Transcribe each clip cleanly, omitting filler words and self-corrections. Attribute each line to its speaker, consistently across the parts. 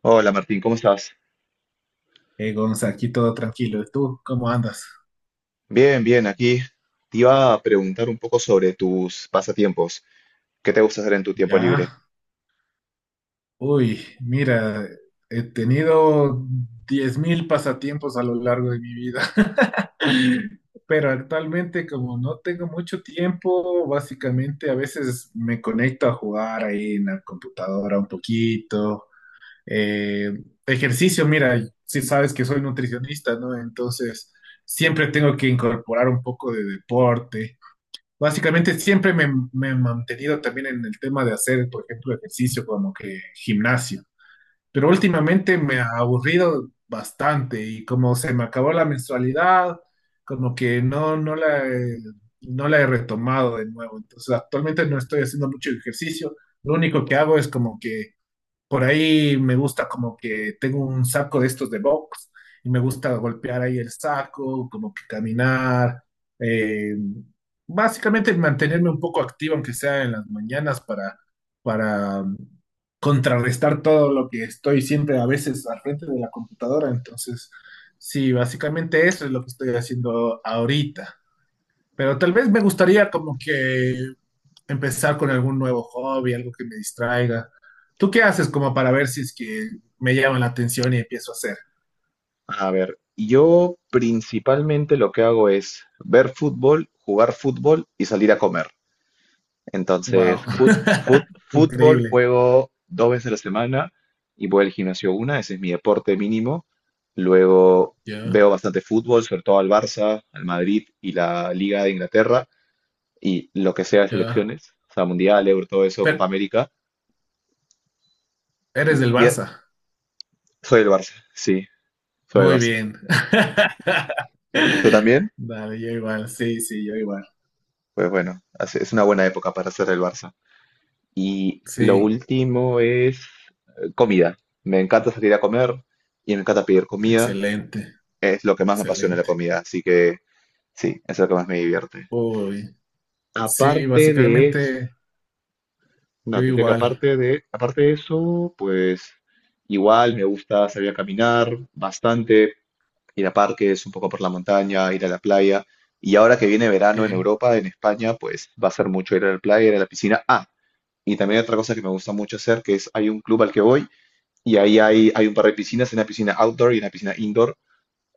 Speaker 1: Hola Martín, ¿cómo estás?
Speaker 2: Gonza, aquí todo tranquilo. ¿Y tú cómo andas?
Speaker 1: Bien, bien, aquí te iba a preguntar un poco sobre tus pasatiempos. ¿Qué te gusta hacer en tu tiempo libre?
Speaker 2: Ya. Uy, mira, he tenido 10.000 pasatiempos a lo largo de mi vida, pero actualmente como no tengo mucho tiempo, básicamente a veces me conecto a jugar ahí en la computadora un poquito. Eh, ejercicio, mira, si sabes que soy nutricionista, ¿no? Entonces siempre tengo que incorporar un poco de deporte. Básicamente siempre me he mantenido también en el tema de hacer, por ejemplo, ejercicio como que gimnasio, pero últimamente me ha aburrido bastante y como se me acabó la mensualidad, como que no, no la he retomado de nuevo. Entonces actualmente no estoy haciendo mucho ejercicio, lo único que hago es como que por ahí me gusta como que tengo un saco de estos de box y me gusta golpear ahí el saco, como que caminar, eh, básicamente mantenerme un poco activo, aunque sea en las mañanas, para contrarrestar todo lo que estoy siempre a veces al frente de la computadora. Entonces, sí, básicamente eso es lo que estoy haciendo ahorita. Pero tal vez me gustaría como que empezar con algún nuevo hobby, algo que me distraiga. ¿Tú qué haces como para ver si es que me llama la atención y empiezo a hacer?
Speaker 1: A ver, yo principalmente lo que hago es ver fútbol, jugar fútbol y salir a comer. Entonces,
Speaker 2: Wow,
Speaker 1: fútbol
Speaker 2: increíble.
Speaker 1: juego dos veces a la semana y voy al gimnasio una, ese es mi deporte mínimo. Luego
Speaker 2: Ya,
Speaker 1: veo bastante fútbol, sobre todo al Barça, al Madrid y la Liga de Inglaterra, y lo que sea de
Speaker 2: ya.
Speaker 1: selecciones, o sea, Mundial, Euro, todo eso,
Speaker 2: Pero
Speaker 1: Copa América.
Speaker 2: eres del
Speaker 1: Bien,
Speaker 2: Barça.
Speaker 1: soy del Barça, sí, soy del
Speaker 2: Muy
Speaker 1: Barça.
Speaker 2: bien.
Speaker 1: ¿Tú también?
Speaker 2: Dale, yo igual. Sí, sí, yo igual.
Speaker 1: Pues bueno, es una buena época para ser del Barça. Y lo
Speaker 2: Sí,
Speaker 1: último es comida. Me encanta salir a comer y me encanta pedir comida.
Speaker 2: excelente,
Speaker 1: Es lo que más me apasiona la
Speaker 2: excelente.
Speaker 1: comida, así que sí, es lo que más me divierte.
Speaker 2: Uy, sí,
Speaker 1: Aparte de eso,
Speaker 2: básicamente yo
Speaker 1: no, te decía que
Speaker 2: igual.
Speaker 1: aparte de eso, pues igual me gusta salir a caminar bastante, ir a parques, un poco por la montaña, ir a la playa. Y ahora que viene
Speaker 2: Ok,
Speaker 1: verano en Europa, en España, pues va a ser mucho ir a la playa, ir a la piscina. Ah, y también hay otra cosa que me gusta mucho hacer, que es hay un club al que voy y ahí hay un par de piscinas, una piscina outdoor y una piscina indoor.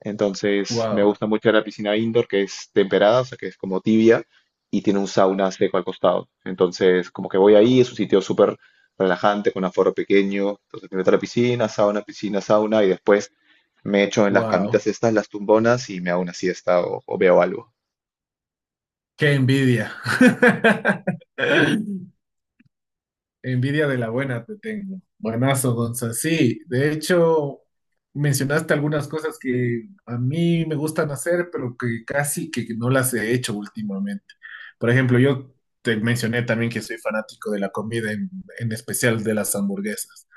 Speaker 1: Entonces me
Speaker 2: wow,
Speaker 1: gusta mucho la piscina indoor, que es temperada, o sea, que es como tibia y tiene un sauna seco al costado. Entonces, como que voy ahí, es un sitio súper relajante, con aforo pequeño. Entonces me meto a la piscina, sauna y después me echo en las
Speaker 2: wow.
Speaker 1: camitas estas, las tumbonas, y me hago una siesta o veo algo.
Speaker 2: Qué envidia. Envidia de la buena te tengo. Buenazo, Gonza. Sí, de hecho, mencionaste algunas cosas que a mí me gustan hacer, pero que casi que no las he hecho últimamente. Por ejemplo, yo te mencioné también que soy fanático de la comida, en especial de las hamburguesas,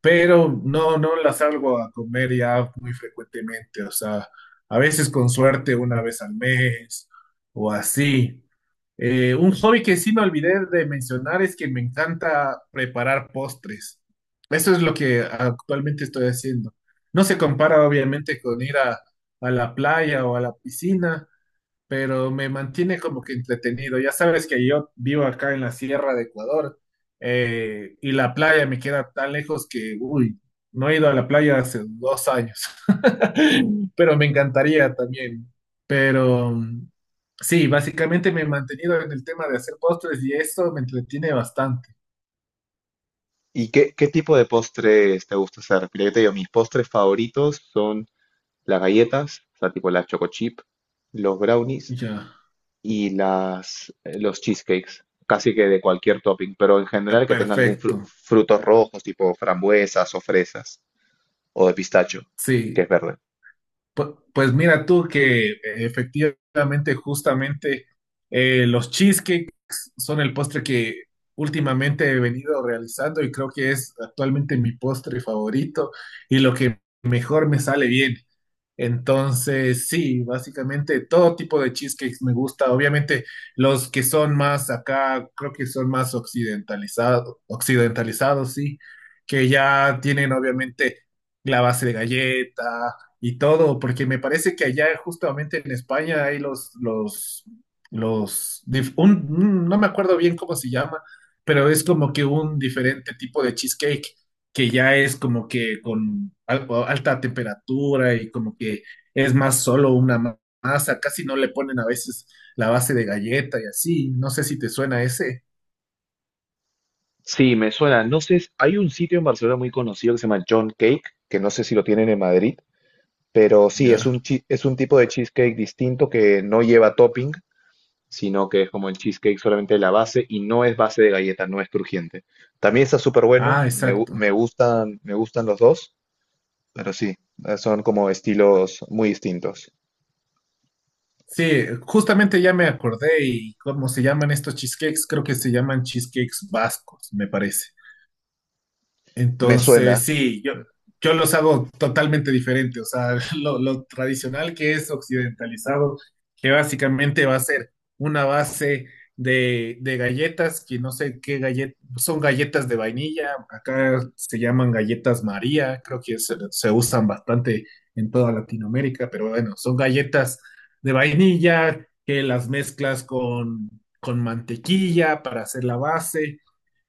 Speaker 2: pero no, no las salgo a comer ya muy frecuentemente. O sea, a veces con suerte una vez al mes o así. Un hobby que sí me olvidé de mencionar es que me encanta preparar postres. Eso es lo que actualmente estoy haciendo. No se compara obviamente con ir a la playa o a la piscina, pero me mantiene como que entretenido. Ya sabes que yo vivo acá en la Sierra de Ecuador y la playa me queda tan lejos que, uy, no he ido a la playa hace 2 años, pero me encantaría también. Pero mm, sí, básicamente me he mantenido en el tema de hacer postres y eso me entretiene bastante.
Speaker 1: ¿Y qué tipo de postres te gusta hacer? Mira, yo te digo, mis postres favoritos son las galletas, o sea, tipo las choco chip, los brownies
Speaker 2: Ya,
Speaker 1: y los cheesecakes, casi que de cualquier topping, pero en general que tenga algún
Speaker 2: perfecto.
Speaker 1: frutos rojos, tipo frambuesas o fresas, o de pistacho, que es
Speaker 2: Sí.
Speaker 1: verde.
Speaker 2: Pues mira tú que efectivamente, justamente, los cheesecakes son el postre que últimamente he venido realizando y creo que es actualmente mi postre favorito y lo que mejor me sale bien. Entonces, sí, básicamente todo tipo de cheesecakes me gusta. Obviamente, los que son más acá, creo que son más occidentalizados, occidentalizados, sí, que ya tienen obviamente la base de galleta y todo, porque me parece que allá justamente en España hay los, no me acuerdo bien cómo se llama, pero es como que un diferente tipo de cheesecake que ya es como que con alta temperatura y como que es más solo una masa, casi no le ponen a veces la base de galleta y así. No sé si te suena ese.
Speaker 1: Sí, me suena. No sé, hay un sitio en Barcelona muy conocido que se llama John Cake, que no sé si lo tienen en Madrid, pero sí, es
Speaker 2: Ya.
Speaker 1: es un tipo de cheesecake distinto que no lleva topping, sino que es como el cheesecake solamente de la base y no es base de galleta, no es crujiente. También está súper bueno,
Speaker 2: Ah, exacto.
Speaker 1: me gustan los dos, pero sí, son como estilos muy distintos.
Speaker 2: Sí, justamente ya me acordé y cómo se llaman estos cheesecakes, creo que se llaman cheesecakes vascos, me parece.
Speaker 1: Me
Speaker 2: Entonces,
Speaker 1: suena,
Speaker 2: sí, yo los hago totalmente diferente. O sea, lo tradicional que es occidentalizado, que básicamente va a ser una base de galletas, que no sé qué galletas, son galletas de vainilla, acá se llaman galletas María, creo que se usan bastante en toda Latinoamérica, pero bueno, son galletas de vainilla que las mezclas con mantequilla para hacer la base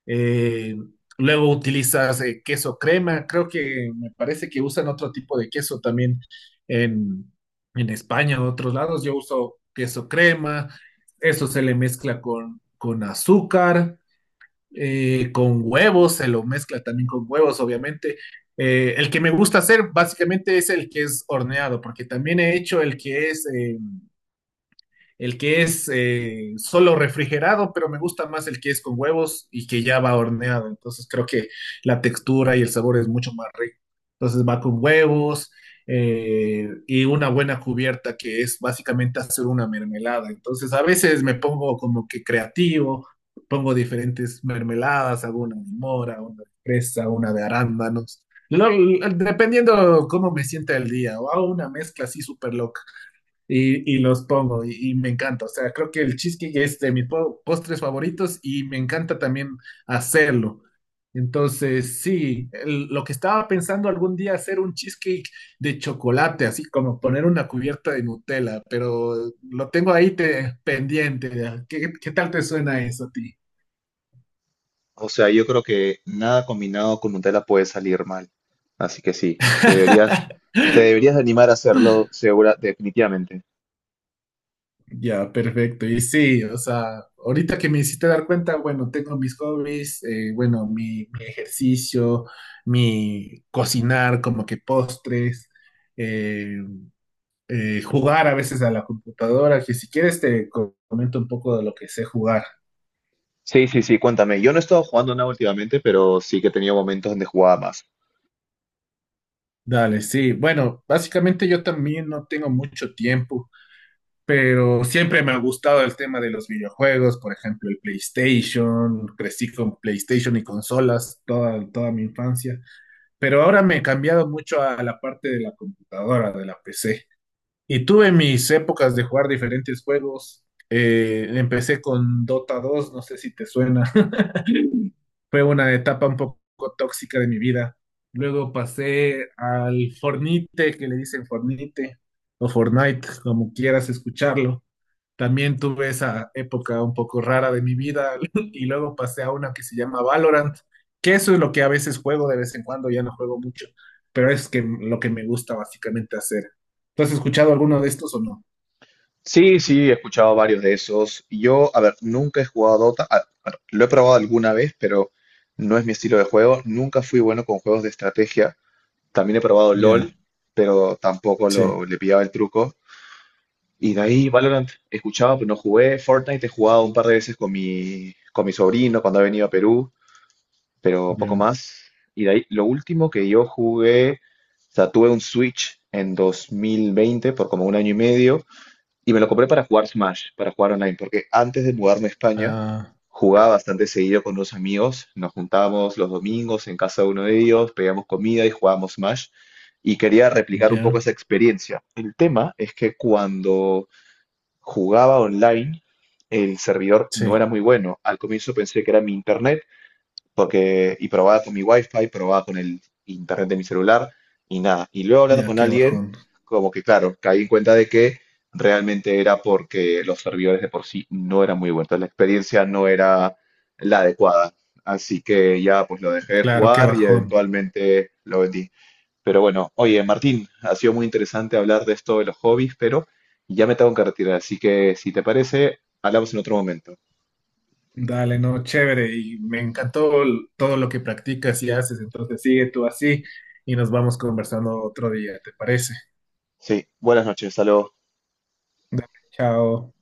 Speaker 2: eh, luego utilizas queso crema, creo que me parece que usan otro tipo de queso también en, en España, o otros lados. Yo uso queso crema, eso se le mezcla con azúcar, con huevos, se lo mezcla también con huevos, obviamente. El que me gusta hacer básicamente es el que es horneado, porque también he hecho el que es. El que es solo refrigerado, pero me gusta más el que es con huevos y que ya va horneado. Entonces creo que la textura y el sabor es mucho más rico. Entonces va con huevos y una buena cubierta que es básicamente hacer una mermelada. Entonces a veces me pongo como que creativo, pongo diferentes mermeladas, hago una de mora, una de fresa, una de arándanos. Lo- dependiendo cómo me sienta el día, o hago una mezcla así súper loca y los pongo y me encanta. O sea, creo que el cheesecake es de mis postres favoritos y me encanta también hacerlo. Entonces, sí, lo que estaba pensando algún día hacer un cheesecake de chocolate, así como poner una cubierta de Nutella, pero lo tengo ahí pendiente. ¿Qué, qué tal te suena eso a ti?
Speaker 1: o sea, yo creo que nada combinado con Nutella puede salir mal. Así que sí, te deberías de animar a hacerlo, segura, definitivamente.
Speaker 2: Ya, perfecto. Y sí, o sea, ahorita que me hiciste dar cuenta, bueno, tengo mis hobbies, bueno, mi ejercicio, mi cocinar como que postres, eh, jugar a veces a la computadora, que si quieres te comento un poco de lo que sé jugar.
Speaker 1: Sí, sí, sí, cuéntame. Yo no he estado jugando nada últimamente, pero sí que he tenido momentos donde jugaba más.
Speaker 2: Dale, sí. Bueno, básicamente yo también no tengo mucho tiempo. Pero siempre me ha gustado el tema de los videojuegos, por ejemplo, el PlayStation, crecí con PlayStation y consolas toda mi infancia, pero ahora me he cambiado mucho a la parte de la computadora, de la PC. Y tuve mis épocas de jugar diferentes juegos. Empecé con Dota 2, no sé si te suena. Fue una etapa un poco tóxica de mi vida. Luego pasé al Fornite, que le dicen Fornite, o Fortnite, como quieras escucharlo. También tuve esa época un poco rara de mi vida y luego pasé a una que se llama Valorant, que eso es lo que a veces juego de vez en cuando, ya no juego mucho, pero es que lo que me gusta básicamente hacer. ¿Tú has escuchado alguno de estos o no?
Speaker 1: Sí, sí, he escuchado varios de esos. Yo, a ver, nunca he jugado Dota. A ver, lo he probado alguna vez, pero no es mi estilo de juego. Nunca fui bueno con juegos de estrategia. También he probado LOL,
Speaker 2: Ya,
Speaker 1: pero tampoco
Speaker 2: sí,
Speaker 1: le pillaba el truco. Y de ahí Valorant escuchaba, pero no jugué. Fortnite he jugado un par de veces con con mi sobrino cuando ha venido a Perú, pero poco
Speaker 2: ya,
Speaker 1: más. Y de ahí, lo último que yo jugué, o sea, tuve un Switch en 2020 por como un año y medio. Y me lo compré para jugar Smash, para jugar online, porque antes de mudarme a España
Speaker 2: ah,
Speaker 1: jugaba bastante seguido con unos amigos, nos juntábamos los domingos en casa de uno de ellos, pedíamos comida y jugábamos Smash, y quería replicar un poco
Speaker 2: ya,
Speaker 1: esa experiencia. El tema es que cuando jugaba online, el servidor no era
Speaker 2: sí.
Speaker 1: muy bueno. Al comienzo pensé que era mi internet, porque y probaba con mi wifi, probaba con el internet de mi celular y nada. Y luego hablando
Speaker 2: Ya,
Speaker 1: con
Speaker 2: qué
Speaker 1: alguien,
Speaker 2: bajón.
Speaker 1: como que claro, caí en cuenta de que realmente era porque los servidores de por sí no eran muy buenos, la experiencia no era la adecuada. Así que ya pues lo dejé de
Speaker 2: Claro, qué
Speaker 1: jugar y
Speaker 2: bajón.
Speaker 1: eventualmente lo vendí. Pero bueno, oye Martín, ha sido muy interesante hablar de esto de los hobbies, pero ya me tengo que retirar, así que si te parece, hablamos en otro momento.
Speaker 2: Dale, no, chévere. Y me encantó todo lo que practicas y haces. Entonces sigue tú así y nos vamos conversando otro día, ¿te parece?
Speaker 1: Sí, buenas noches, saludos.
Speaker 2: Dale, chao.